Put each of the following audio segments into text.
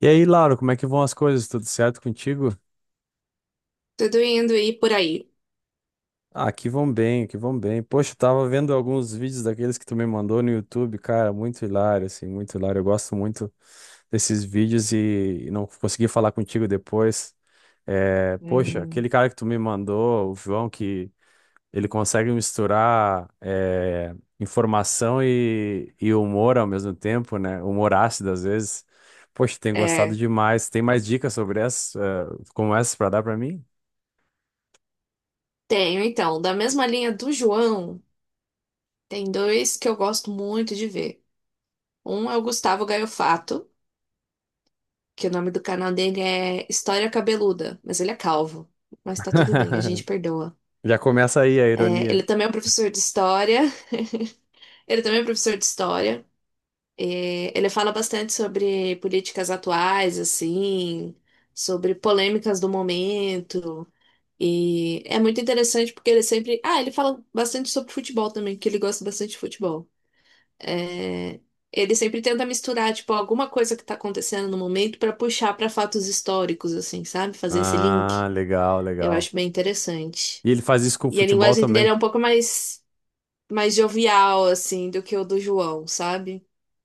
E aí, Lauro, como é que vão as coisas? Tudo certo contigo? Tudo indo e por aí. Ah, aqui vão bem, aqui vão bem. Poxa, eu tava vendo alguns vídeos daqueles que tu me mandou no YouTube, cara, muito hilário, assim, muito hilário. Eu gosto muito desses vídeos e não consegui falar contigo depois. É, poxa, Hum, aquele cara que tu me mandou, o João, que ele consegue misturar informação e humor ao mesmo tempo, né? Humor ácido às vezes. Poxa, tenho gostado É, demais. Tem mais dicas sobre essas, como essas para dar pra mim? tenho então, da mesma linha do João, tem dois que eu gosto muito de ver. Um é o Gustavo Gaiofato, que o nome do canal dele é História Cabeluda, mas ele é calvo. Mas tá tudo bem, a gente perdoa. Já começa aí a É, ele ironia. também é um professor de história. Ele também é um professor de história. É, ele fala bastante sobre políticas atuais, assim, sobre polêmicas do momento. E é muito interessante porque ele sempre. Ah, ele fala bastante sobre futebol também, que ele gosta bastante de futebol. É. Ele sempre tenta misturar, tipo, alguma coisa que tá acontecendo no momento pra puxar pra fatos históricos, assim, sabe? Fazer esse link. Ah, legal, Eu legal. acho bem interessante. E ele faz isso com o E a futebol linguagem dele também. é um pouco mais, mais jovial, assim, do que o do João, sabe?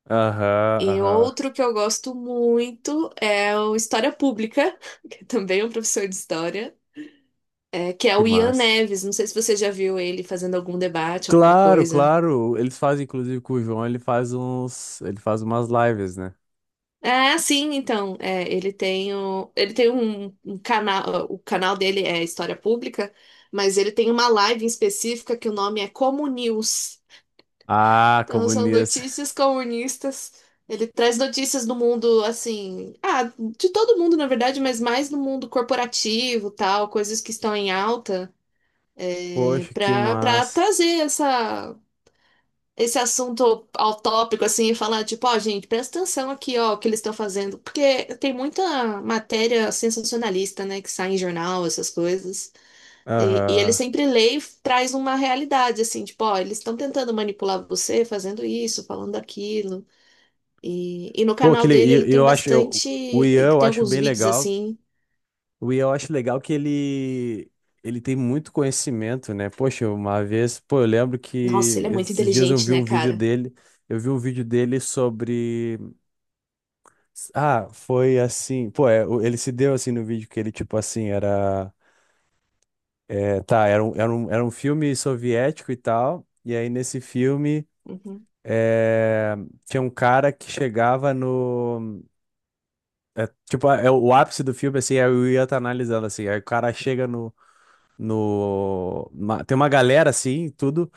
Aham, E aham. outro que eu gosto muito é o História Pública, que também é um professor de história. É, que é Que o Ian massa. Neves. Não sei se você já viu ele fazendo algum debate, alguma Claro, coisa. claro. Eles fazem, inclusive, com o João, ele faz uns. Ele faz umas lives, né? Ah, sim, então. É, ele tem um canal. O canal dele é História Pública, mas ele tem uma live em específica que o nome é Como News. Ah, Então são comunista. notícias comunistas. Ele traz notícias do mundo, assim, ah, de todo mundo, na verdade, mas mais do mundo corporativo, tal, coisas que estão em alta, é, Poxa, que para massa. trazer essa esse assunto ao tópico, assim, e falar, tipo, ó, gente, presta atenção aqui, ó, o que eles estão fazendo. Porque tem muita matéria sensacionalista, né, que sai em jornal, essas coisas. E ele Aham. sempre lê e traz uma realidade, assim, tipo, ó, eles estão tentando manipular você, fazendo isso, falando aquilo. E no Pô, que canal le... dele ele e tem eu acho. Bastante, O Ian ele eu tem acho alguns bem vídeos, legal. assim. O Ian, eu acho legal que ele ele tem muito conhecimento, né? Poxa, uma vez, pô, eu lembro Nossa, que ele é muito esses dias eu inteligente, vi né, um vídeo cara? dele, eu vi um vídeo dele sobre ah, foi assim, pô, é, o- ele se deu assim no vídeo que ele tipo assim, era é, tá, era um, era um, era um filme soviético e tal, e aí nesse filme Uhum, é, tinha um cara que chegava no o ápice do filme assim, aí o Ian tá analisando assim, aí o cara chega no tem uma galera assim, tudo.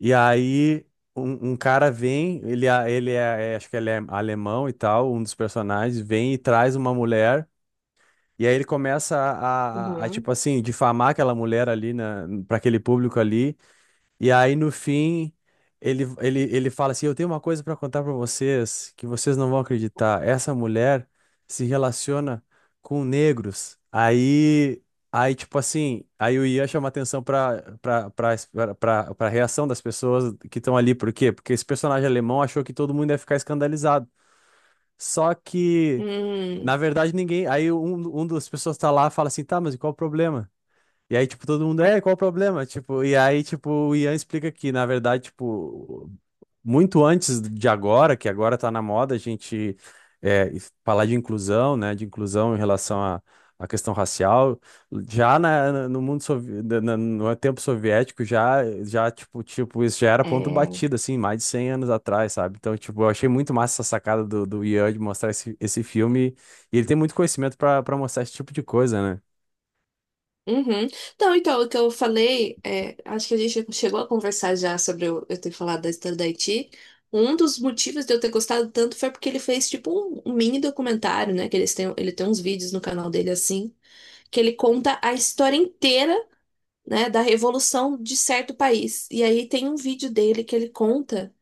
E aí um cara vem, acho que ele é alemão e tal, um dos personagens vem e traz uma mulher. E aí ele começa a tipo uhum. assim difamar aquela mulher ali na para aquele público ali. E aí no fim, ele fala assim: Eu tenho uma coisa para contar para vocês que vocês não vão acreditar. Essa mulher se relaciona com negros. Aí, tipo assim, aí o Ian chama atenção para para reação das pessoas que estão ali. Por quê? Porque esse personagem alemão achou que todo mundo ia ficar escandalizado. Só que, Hum, na verdade, ninguém. Aí um das pessoas tá lá e fala assim: Tá, mas e qual o problema? E aí, tipo, todo mundo, é, qual o problema? Tipo, e aí, tipo, o Ian explica que, na verdade, tipo, muito antes de agora, que agora tá na moda, a gente é, falar de inclusão, né, de inclusão em relação à questão racial, já no mundo, no tempo soviético, isso já era ponto é. batido, assim, mais de 100 anos atrás, sabe? Então, tipo, eu achei muito massa essa sacada do, do Ian de mostrar esse, esse filme, e ele tem muito conhecimento pra pra mostrar esse tipo de coisa, né? Uhum. Então, então, o que eu falei, é, acho que a gente chegou a conversar já sobre eu ter falado da história da Haiti. Um dos motivos de eu ter gostado tanto foi porque ele fez, tipo, um mini documentário, né? Que eles têm, ele tem uns vídeos no canal dele, assim, que ele conta a história inteira, né, da revolução de certo país. E aí tem um vídeo dele que ele conta,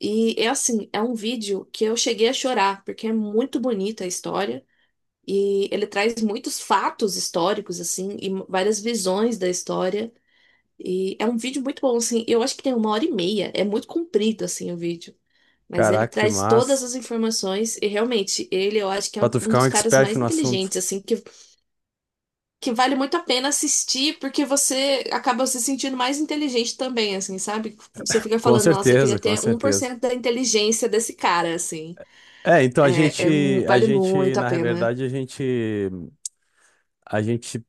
e é assim, é um vídeo que eu cheguei a chorar, porque é muito bonita a história. E ele traz muitos fatos históricos, assim, e várias visões da história. E é um vídeo muito bom, assim. Eu acho que tem uma hora e meia. É muito comprido, assim, o vídeo. Mas ele Caraca, que traz todas massa. as informações e realmente ele eu acho que é Pra um tu um ficar um dos caras expert mais no assunto. inteligentes, assim, que vale muito a pena assistir, porque você acaba se sentindo mais inteligente também, assim, sabe? Você fica Com falando, nossa, eu certeza, queria com ter um por certeza. cento da inteligência desse cara, assim. É, então a Vale gente, muito a na pena. verdade, a gente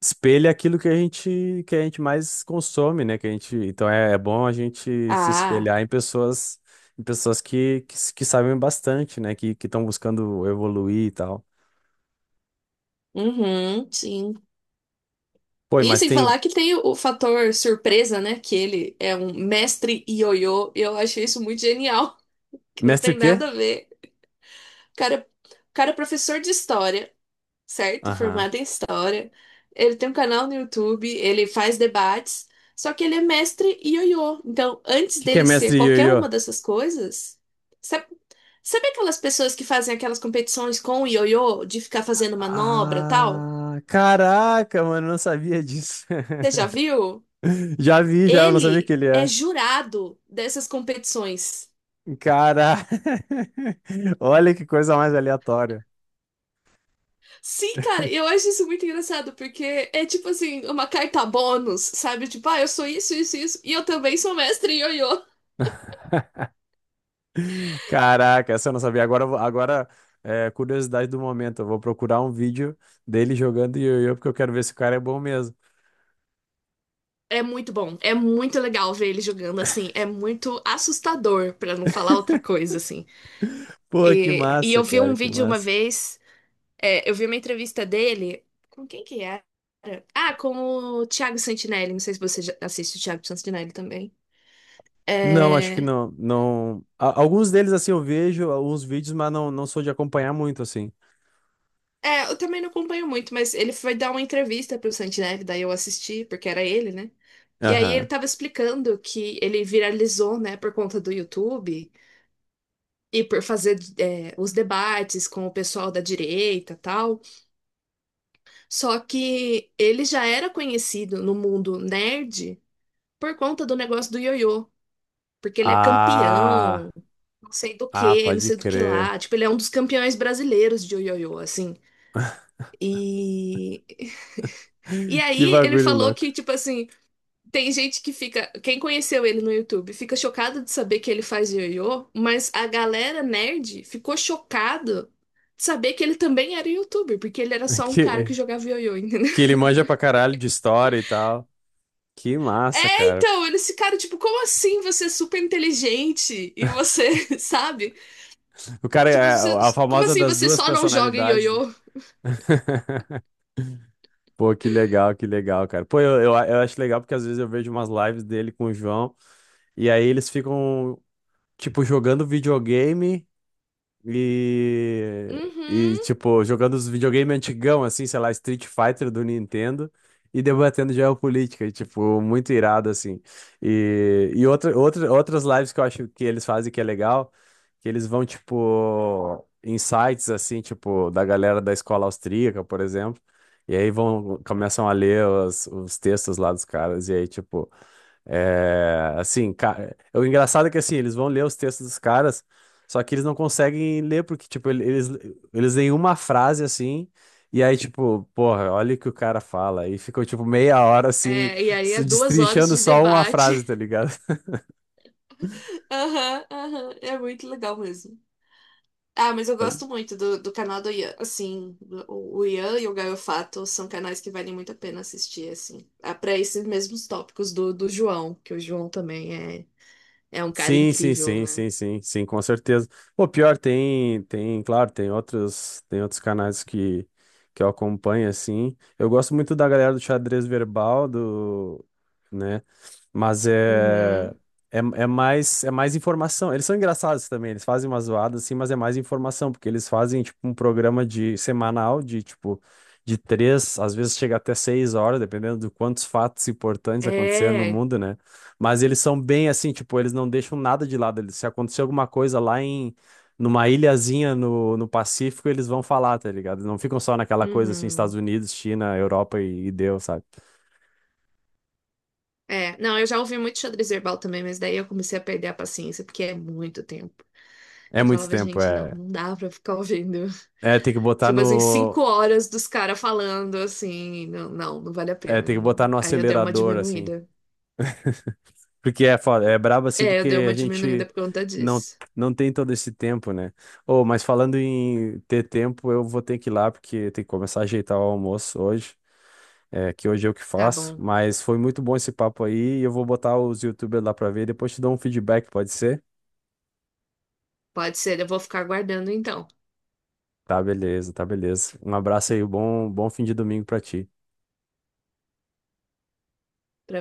espelha aquilo que a gente mais consome, né? Que a gente, então é, é bom a gente se Ah, espelhar em pessoas que, s- que sabem bastante, né? Que estão buscando evoluir e tal. uhum, sim. Pô, E mas sem tem falar que tem o fator surpresa, né? Que ele é um mestre ioiô. E eu achei isso muito genial, que não mestre o tem quê? nada a ver. O cara, é, o, cara é professor de história, certo? Aham. Formado em história. Ele tem um canal no YouTube, ele faz debates. Só que ele é mestre ioiô. Então, O antes que que é dele ser mestre qualquer Yoyo? uma dessas coisas, sabe, sabe aquelas pessoas que fazem aquelas competições com o ioiô de ficar fazendo manobra e tal? Ah, caraca, mano, eu não sabia disso. Você já viu? Já vi, já, eu não sabia que Ele ele é é. jurado dessas competições. Cara, olha que coisa mais aleatória. Sim, cara, eu acho isso muito engraçado, porque é tipo assim, uma carta bônus, sabe? Tipo, ah, eu sou isso, isso, isso, e eu também sou mestre em ioiô. Caraca, essa eu não sabia. Agora curiosidade do momento. Eu vou procurar um vídeo dele jogando ioiô, porque eu quero ver se o cara é bom mesmo. É muito bom, é muito legal ver ele jogando assim, é muito assustador, pra não falar outra coisa, assim. Pô, que E massa, eu vi cara, um que vídeo uma massa. vez, é, eu vi uma entrevista dele, com quem que era? Ah, com o Thiago Santinelli, não sei se você já assiste o Thiago Santinelli também. Não, acho que É, não, não. Alguns deles, assim, eu vejo alguns vídeos, mas não, não sou de acompanhar muito, assim. Eu também não acompanho muito, mas ele foi dar uma entrevista pro Santineve, daí eu assisti, porque era ele, né? E aí ele Aham. tava explicando que ele viralizou, né, por conta do YouTube e por fazer é, os debates com o pessoal da direita e tal. Só que ele já era conhecido no mundo nerd por conta do negócio do ioiô. Porque ele é campeão, Ah, não sei do ah, que, não pode sei do que lá. crer. Tipo, ele é um dos campeões brasileiros de ioiô, assim. E e Que aí ele bagulho falou louco. que, tipo assim, tem gente que fica, quem conheceu ele no YouTube, fica chocado de saber que ele faz ioiô, mas a galera nerd ficou chocado de saber que ele também era youtuber, porque ele era só um cara Que, que jogava ioiô, entendeu? Que ele manja pra caralho de história e tal. Que massa, É, cara. então, eles ficaram tipo, como assim você é super inteligente e você, sabe? O cara é Tipo, você- a como famosa assim das você duas só não joga personalidades. ioiô? Pô, que legal, cara. Pô, eu acho legal porque às vezes eu vejo umas lives dele com o João e aí eles ficam, tipo, jogando videogame. E, e, Uhum. tipo, jogando os videogame antigão, assim, sei lá, Street Fighter do Nintendo e debatendo geopolítica, e, tipo, muito irado, assim. E outra, outras lives que eu acho que eles fazem que é legal, que eles vão, tipo, em sites, assim, tipo, da galera da escola austríaca, por exemplo, e aí vão, começam a ler os textos lá dos caras, e aí, tipo. É, assim, ca- o engraçado é que assim, eles vão ler os textos dos caras, só que eles não conseguem ler, porque, tipo, eles, eles leem uma frase assim, e aí, tipo, porra, olha o que o cara fala. E ficou, tipo, meia hora assim, É, e aí é se 2 horas destrinchando de só uma frase, debate. tá ligado? Aham, aham, é muito legal mesmo. Ah, mas eu Pode- gosto muito do canal do Ian. Assim, o Ian e o Gaiofato são canais que valem muito a pena assistir, assim. Ah, para esses mesmos tópicos do João, que o João também é, é um cara sim, sim, incrível, sim, né? sim, sim, sim, com certeza. Pô, pior, tem, tem, claro, tem outros canais que eu acompanho, assim. Eu gosto muito da galera do xadrez verbal, do, né? Mas é, Uhum. é, é mais é mais informação. Eles são engraçados também, eles fazem umas zoadas assim, mas é mais informação, porque eles fazem tipo um programa de semanal de tipo de 3, às vezes chega até 6 horas, dependendo de quantos fatos importantes aconteceram no É. mundo, né? Mas eles são bem assim, tipo, eles não deixam nada de lado. Eles, se acontecer alguma coisa lá em numa ilhazinha no, no Pacífico, eles vão falar, tá ligado? Não ficam só naquela coisa assim, Estados Uhum. Unidos, China, Europa e deu, sabe? É. Não, eu já ouvi muito xadrez verbal também, mas daí eu comecei a perder a paciência, porque é muito tempo. É Eu muito falava, tempo, gente, não, é. não dá pra ficar ouvindo. É, tem que botar Tipo assim, cinco no, horas dos caras falando, assim, não, não, não vale a pena. Tem que botar Não. no Aí eu dei uma acelerador, assim. diminuída. Porque é, é brabo, assim, É, eu dei porque a uma diminuída gente por conta não, disso. não tem todo esse tempo, né? Ô, mas falando em ter tempo, eu vou ter que ir lá, porque tem que começar a ajeitar o almoço hoje, é, que hoje eu que Tá faço. bom, Mas foi muito bom esse papo aí, e eu vou botar os YouTubers lá pra ver, depois te dou um feedback, pode ser? pode ser. Eu vou ficar aguardando então, Tá, beleza, tá, beleza. Um abraço aí, bom, bom fim de domingo pra ti. pra